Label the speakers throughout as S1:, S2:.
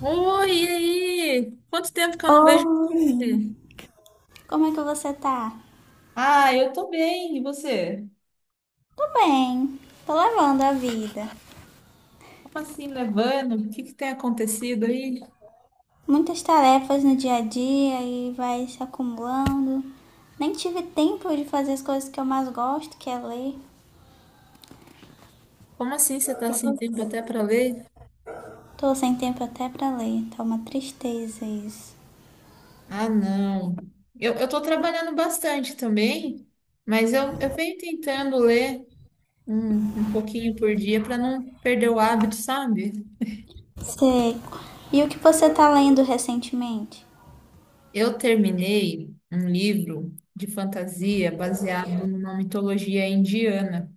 S1: Oi, e aí? Quanto tempo que eu não vejo
S2: Oi,
S1: você?
S2: como é que você tá?
S1: Ah, eu tô bem. E você?
S2: Tô bem, tô levando a vida.
S1: Como assim, nevando? O que que tem acontecido aí?
S2: Muitas tarefas no dia a dia e vai se acumulando. Nem tive tempo de fazer as coisas que eu mais gosto, que é ler.
S1: Como assim você tá
S2: E
S1: sem
S2: tô-
S1: tempo até para ler?
S2: Tô sem tempo até pra ler, tá uma tristeza isso.
S1: Ah, não. Eu tô trabalhando bastante também, mas eu venho tentando ler um pouquinho por dia para não perder o hábito, sabe?
S2: Sei. E o que você tá lendo recentemente?
S1: Eu terminei um livro de fantasia baseado numa mitologia indiana.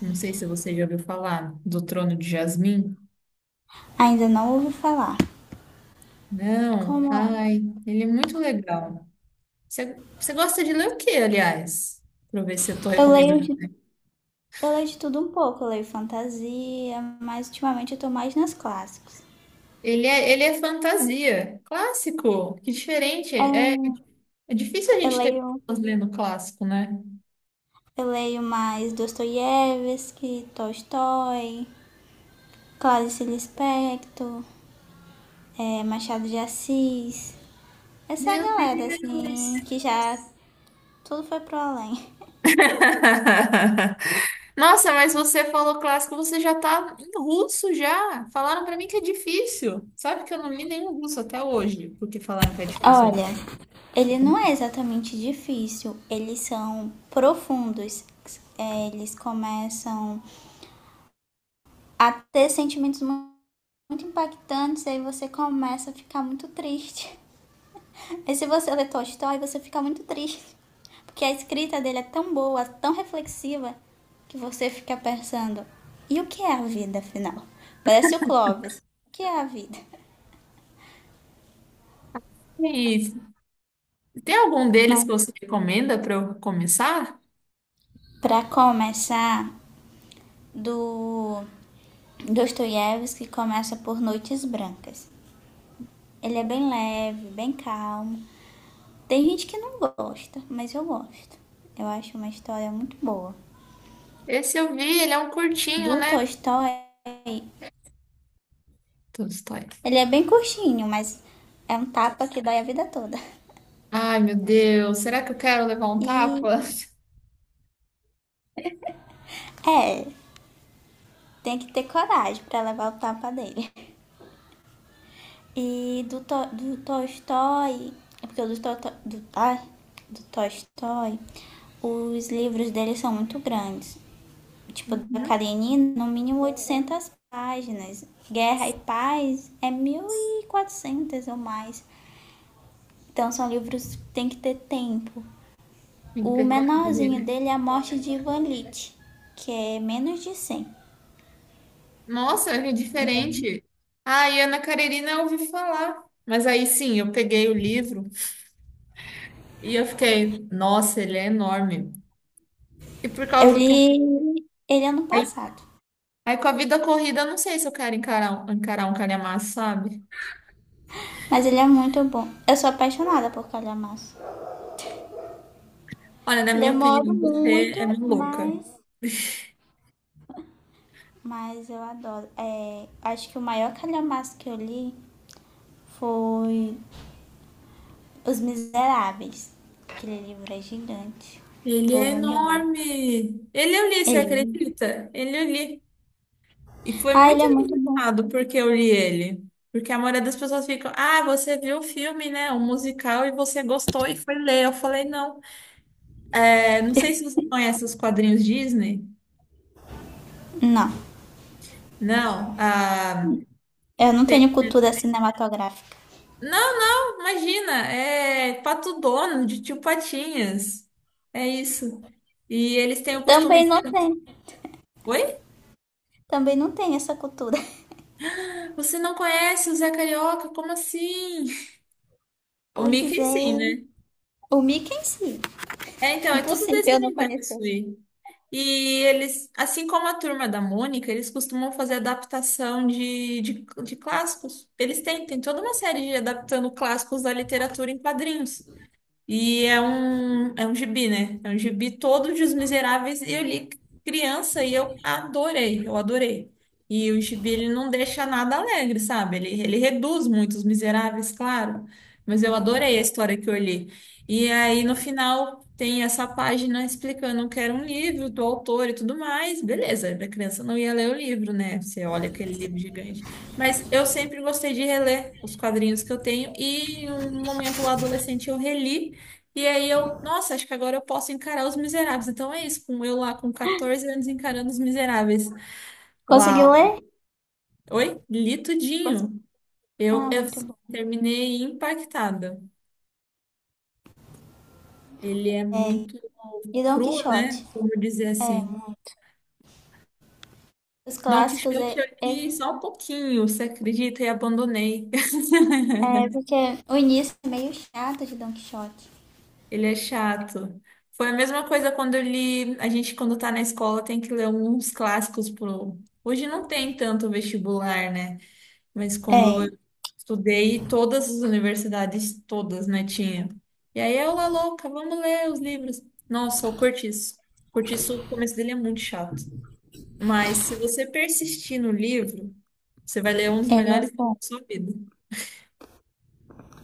S1: Não sei se você já ouviu falar do Trono de Jasmim.
S2: Ainda não ouvi falar.
S1: Não,
S2: Como é?
S1: ai, ele é muito legal. Você gosta de ler o que, aliás? Para eu ver se eu tô
S2: Eu leio
S1: recomendando.
S2: de, eu leio de tudo um pouco. Eu leio fantasia, mas ultimamente eu tô mais nos clássicos.
S1: Ele é fantasia, clássico, que diferente.
S2: É,
S1: É, é difícil a
S2: eu
S1: gente ter
S2: leio
S1: pessoas lendo clássico, né?
S2: Eu leio mais Dostoiévski, Tolstói, Clarice Lispector, Machado de Assis. Essa
S1: Meu
S2: galera, assim,
S1: Deus!
S2: que já tudo foi pro além.
S1: Nossa, mas você falou clássico, você já tá em russo já. Falaram pra mim que é difícil. Sabe que eu não li nenhum russo até hoje, porque falaram que é difícil.
S2: Olha, ele não é exatamente difícil, eles são profundos. Eles começam a ter sentimentos muito impactantes, aí você começa a ficar muito triste. E se você lê Tolstói, você fica muito triste. Porque a escrita dele é tão boa, tão reflexiva, que você fica pensando: e o que é a vida, afinal? Parece o Clóvis. O que é a vida?
S1: E tem algum deles que
S2: Mas,
S1: você recomenda para eu começar?
S2: para começar, do Dostoiévski começa por Noites Brancas. Ele é bem leve, bem calmo. Tem gente que não gosta, mas eu gosto. Eu acho uma história muito boa.
S1: Esse eu vi, ele é um curtinho,
S2: Do
S1: né?
S2: Tolstói,
S1: Tolstói.
S2: ele é bem curtinho, mas é um tapa que dói a vida toda.
S1: Ai, meu Deus, será que eu quero levar um
S2: E
S1: tapa?
S2: é, tem que ter coragem pra levar o tapa dele. E do Tolstói, é porque o do, to, do, ai, do Tolstói, os livros dele são muito grandes. Tipo, da
S1: Uhum.
S2: Karenina, no mínimo 800 páginas. Guerra e Paz é 1.400 ou mais. Então, são livros que tem que ter tempo.
S1: Tem que
S2: O
S1: ter coragem,
S2: menorzinho
S1: né?
S2: dele é a morte de Ivan Lit, que é menos de 100.
S1: Nossa, é diferente. Ah, e Ana Karenina eu ouvi falar. Mas aí sim, eu peguei o livro e eu fiquei, nossa, ele é enorme. E por
S2: Eu
S1: causa do que.
S2: li ele ano
S1: Aí,
S2: passado,
S1: aí com a vida corrida, eu não sei se eu quero encarar um calhamaço, sabe?
S2: mas ele é muito bom. Eu sou apaixonada por calhamaço.
S1: Olha, na minha
S2: Demoro
S1: opinião, você é
S2: muito,
S1: maluca.
S2: mas, mas eu adoro. É, acho que o maior calhamaço que eu li foi Os Miseráveis. Aquele livro é gigante,
S1: Ele é
S2: volume 1.
S1: enorme. Ele eu li, você
S2: Ele...
S1: acredita? Ele eu li. E foi
S2: Ah, ele
S1: muito
S2: é muito bom.
S1: engraçado porque eu li ele. Porque a maioria das pessoas ficam, ah, você viu o filme, né? O musical e você gostou e foi ler. Eu falei, não. É, não sei se você conhece os quadrinhos Disney.
S2: Não,
S1: Não. Ah,
S2: eu não
S1: tem-
S2: tenho cultura cinematográfica.
S1: Não, imagina. É Pato Dono, de Tio Patinhas. É isso. E eles têm o costume
S2: Também não
S1: de...
S2: tenho.
S1: Oi?
S2: Também não tem essa cultura.
S1: Você não conhece o Zé Carioca? Como assim? O
S2: Pois
S1: Mickey sim,
S2: é.
S1: né?
S2: O Mickey em si.
S1: É, então, é tudo desse
S2: Impossível não
S1: universo
S2: conhecer.
S1: aí. E eles, assim como a turma da Mônica, eles costumam fazer adaptação de clássicos. Eles têm, tem toda uma série de adaptando clássicos da literatura em quadrinhos. E é um gibi, né? É um gibi todo de Os Miseráveis. E eu li criança e eu adorei, eu adorei. E o gibi, ele não deixa nada alegre, sabe? Ele reduz muito Os Miseráveis, claro. Mas eu adorei a história que eu li. E aí, no final, tem essa página explicando que era um livro do autor e tudo mais. Beleza, a criança não ia ler o livro, né? Você olha aquele livro gigante. Mas eu sempre gostei de reler os quadrinhos que eu tenho. E em um momento lá adolescente eu reli. E aí eu, nossa, acho que agora eu posso encarar Os Miseráveis. Então é isso, com eu lá com 14 anos encarando Os Miseráveis. Uau.
S2: Conseguiu ler?
S1: Oi? Li
S2: Consegui.
S1: tudinho. Eu,
S2: Ah,
S1: eu
S2: muito bom.
S1: terminei impactada. Ele é muito
S2: E Don
S1: cru,
S2: Quixote.
S1: né? Como dizer
S2: É,
S1: assim.
S2: muito. Os
S1: Dom
S2: clássicos
S1: Quixote eu
S2: é,
S1: li só um pouquinho, você acredita? E abandonei.
S2: é porque o início é meio chato de Don Quixote.
S1: Ele é chato. Foi a mesma coisa quando eu li. A gente, quando tá na escola, tem que ler uns clássicos pro. Hoje não tem tanto vestibular, né? Mas quando
S2: É,
S1: eu estudei, todas as universidades, todas, né, tinha. E aí eu lá louca, vamos ler os livros. Nossa, o Cortiço. O Cortiço, o começo dele é muito chato. Mas se você persistir no livro, você vai ler um dos
S2: ele é
S1: melhores livros
S2: bom.
S1: da sua vida.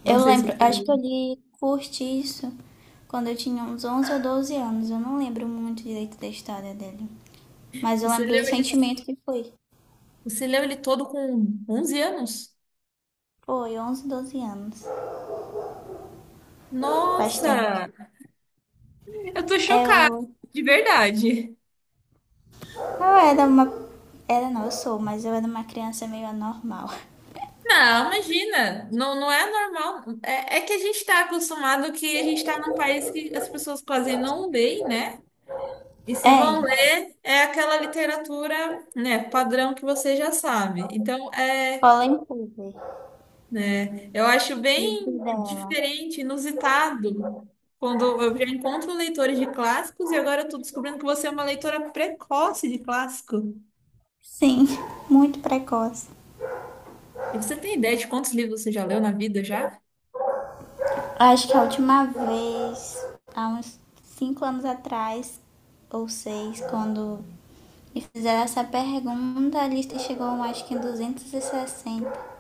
S1: Não
S2: Eu
S1: sei se
S2: lembro,
S1: você
S2: acho que eu
S1: leu.
S2: li Curtiço quando eu tinha uns 11 ou 12 anos. Eu não lembro muito direito da história dele. Mas eu
S1: Você
S2: lembro
S1: leu
S2: do
S1: ele,
S2: sentimento que foi.
S1: você leu ele todo com 11 anos?
S2: Foi 11 12 anos. Faz tempo.
S1: Nossa, eu tô
S2: É
S1: chocada,
S2: o
S1: de verdade.
S2: Eu era uma. Era não, eu sou, mas eu era uma criança meio anormal.
S1: Não, imagina, não, não é normal. É, é que a gente está acostumado que a gente está num país que as pessoas quase não leem, né? E se
S2: É,
S1: vão ler, é aquela literatura, né, padrão que você já sabe. Então, é,
S2: cola em tudo.
S1: né, eu acho
S2: Livre
S1: bem
S2: dela.
S1: diferente, inusitado, quando eu já encontro leitores de clássicos e agora eu estou descobrindo que você é uma leitora precoce de clássico.
S2: Sim, muito precoce.
S1: E você tem ideia de quantos livros você já leu na vida já?
S2: Acho que a última vez, há uns 5 anos atrás, ou 6, quando me fizeram essa pergunta, a lista chegou acho que em 260.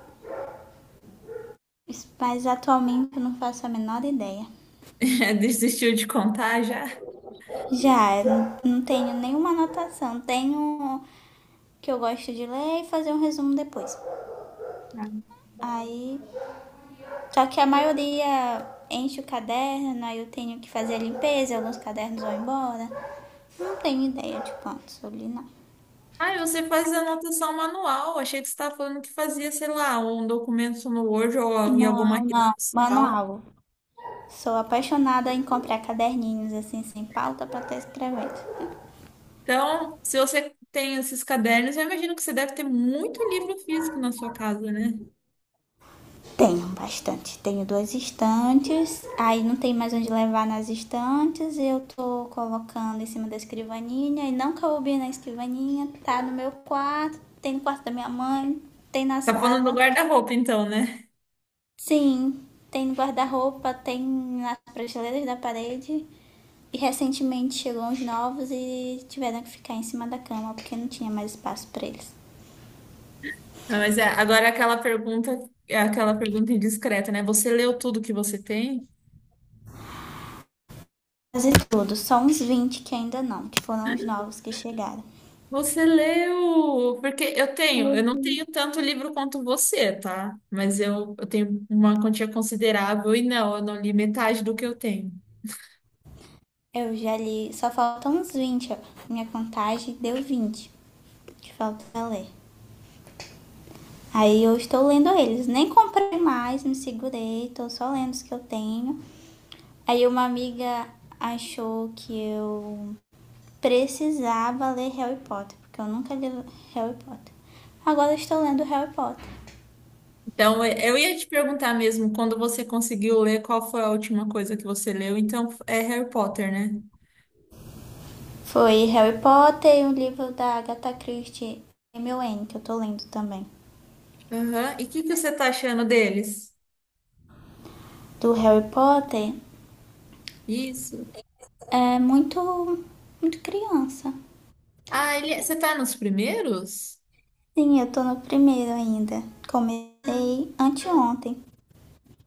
S2: Mas atualmente eu não faço a menor ideia.
S1: Desistiu de contar já?
S2: Já, não tenho nenhuma anotação. Tenho o que eu gosto de ler e fazer um resumo depois. Aí, só que a maioria enche o caderno, aí eu tenho que fazer a limpeza, alguns cadernos vão embora. Não tenho ideia de quantos eu li, não.
S1: Ah, você faz anotação manual. Achei que você estava falando que fazia, sei lá, um documento no Word ou em alguma
S2: Não,
S1: rede
S2: não.
S1: social.
S2: Manual. Sou apaixonada em comprar caderninhos assim, sem pauta pra estar escrevendo.
S1: Então, se você tem esses cadernos, eu imagino que você deve ter muito livro físico na sua casa, né?
S2: Tenho bastante. Tenho duas estantes, aí não tem mais onde levar nas estantes, e eu tô colocando em cima da escrivaninha, e não coube na escrivaninha, tá no meu quarto, tem no quarto da minha mãe, tem na
S1: Tá falando do
S2: sala.
S1: guarda-roupa, então, né?
S2: Sim, tem no guarda-roupa, tem nas prateleiras da parede. E recentemente chegou uns novos e tiveram que ficar em cima da cama porque não tinha mais espaço para eles.
S1: Não, mas é, agora aquela pergunta, é aquela pergunta indiscreta, né? Você leu tudo que você tem?
S2: Quase tudo, só uns 20 que ainda não, que foram os novos que chegaram.
S1: Você leu? Porque eu tenho, eu
S2: Eu,
S1: não tenho tanto livro quanto você, tá? Mas eu tenho uma quantia considerável e não, eu não li metade do que eu tenho.
S2: eu já li, só faltam uns 20 ó. Minha contagem deu 20 que falta pra ler. Aí eu estou lendo eles, nem comprei mais, me segurei, estou só lendo os que eu tenho. Aí uma amiga achou que eu precisava ler Harry Potter, porque eu nunca li Harry Potter. Agora estou lendo Harry Potter.
S1: Então, eu ia te perguntar mesmo, quando você conseguiu ler, qual foi a última coisa que você leu? Então, é Harry Potter, né?
S2: Foi Harry Potter e um livro da Agatha Christie, M O N que eu estou lendo também.
S1: Aham. E o que que você tá achando deles?
S2: Do Harry Potter,
S1: Isso.
S2: é muito, muito criança.
S1: Ah, ele, é, você tá nos primeiros?
S2: Sim, eu estou no primeiro ainda. Comecei anteontem.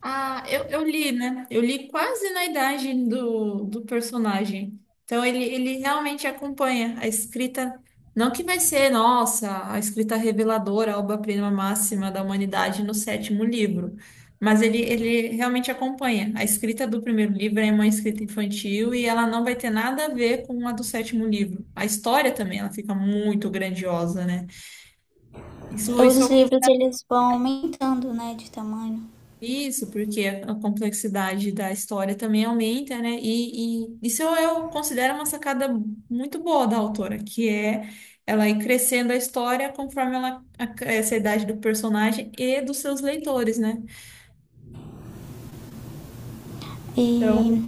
S1: Ah, eu li, né? Eu li quase na idade do personagem. Então ele realmente acompanha a escrita. Não que vai ser, nossa, a escrita reveladora, a obra-prima máxima da humanidade no sétimo livro. Mas ele realmente acompanha. A escrita do primeiro livro é uma escrita infantil e ela não vai ter nada a ver com a do sétimo livro. A história também, ela fica muito grandiosa, né? Isso,
S2: Os
S1: isso
S2: livros, eles vão aumentando, né, de tamanho.
S1: Isso, porque a complexidade da história também aumenta, né? E isso eu considero uma sacada muito boa da autora, que é ela ir crescendo a história conforme ela essa idade do personagem e dos seus leitores, né? Então,
S2: E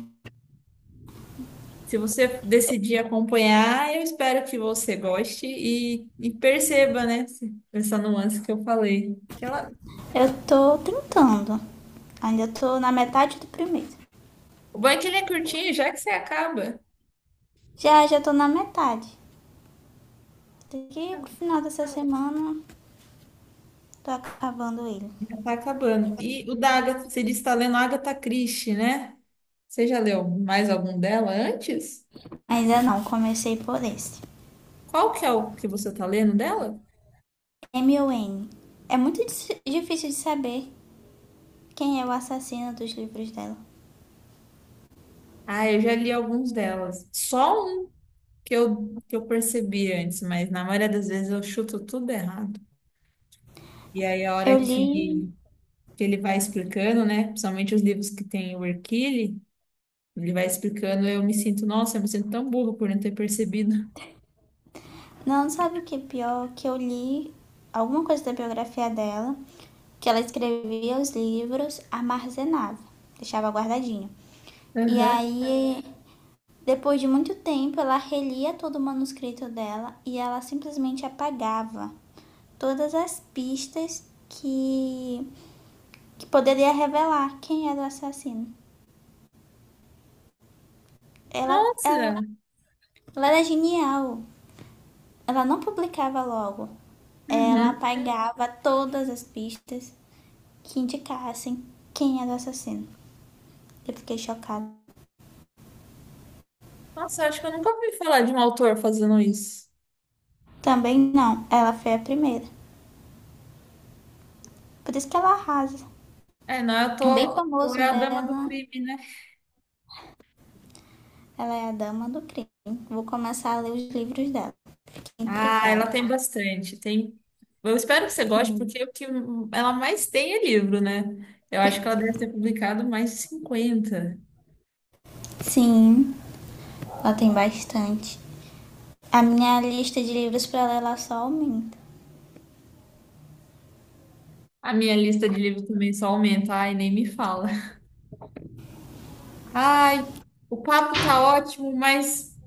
S1: se você decidir acompanhar, eu espero que você goste e perceba, né? Essa nuance que eu falei. Ela,
S2: eu estou tentando. Ainda estou na metade do primeiro.
S1: o bom é que ele é curtinho, já que você acaba.
S2: Já estou na metade. Daqui pro final dessa semana, tô acabando ele.
S1: Já tá acabando. E o da Agatha, você disse que tá lendo Agatha Christie, né? Você já leu mais algum dela antes?
S2: Ainda não, comecei por esse.
S1: Qual que é o que você tá lendo dela?
S2: M o N. É muito difícil de saber quem é o assassino dos livros dela.
S1: Ah, eu já li alguns delas. Só um que eu percebi antes, mas na maioria das vezes eu chuto tudo errado. E aí a hora
S2: Eu
S1: que,
S2: li.
S1: que ele vai explicando, né? Principalmente os livros que tem o Hercule, ele vai explicando, eu me sinto, nossa, eu me sinto tão burro por não ter percebido.
S2: Não, sabe o que é pior? Que eu li alguma coisa da biografia dela, que ela escrevia os livros, armazenava, deixava guardadinho. E
S1: Aham.
S2: aí, depois de muito tempo, ela relia todo o manuscrito dela e ela simplesmente apagava todas as pistas que, que poderia revelar quem era o assassino. Ela,
S1: Nossa!
S2: ela, ela era genial. Ela não publicava logo. Ela
S1: Uhum.
S2: apagava todas as pistas que indicassem quem era o assassino. Eu fiquei chocada.
S1: Nossa, acho que eu nunca ouvi falar de um autor fazendo isso.
S2: Também não, ela foi a primeira. Por isso que ela arrasa.
S1: É, não, eu
S2: Um bem
S1: tô, tô é
S2: famoso
S1: a dama do
S2: dela,
S1: crime, né?
S2: ela é a dama do crime. Vou começar a ler os livros dela. Que
S1: Ah,
S2: é
S1: ela tem bastante. Tem. Eu espero que você goste,
S2: Sim.
S1: porque o que ela mais tem é livro, né? Eu acho que ela deve ter publicado mais de 50.
S2: Sim, ela tem bastante. A minha lista de livros para ler ela só aumenta.
S1: A minha lista de livros também só aumenta. Ai, nem me fala. Ai, o papo tá ótimo, mas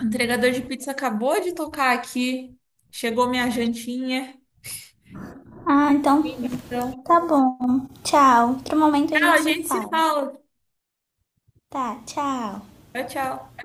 S1: o entregador de pizza acabou de tocar aqui. Chegou minha jantinha.
S2: Ah, então
S1: Então,
S2: tá bom. Tchau. Outro momento a
S1: tchau,
S2: gente
S1: a
S2: se
S1: gente se
S2: fala.
S1: fala.
S2: Tá, tchau.
S1: Tchau, tchau.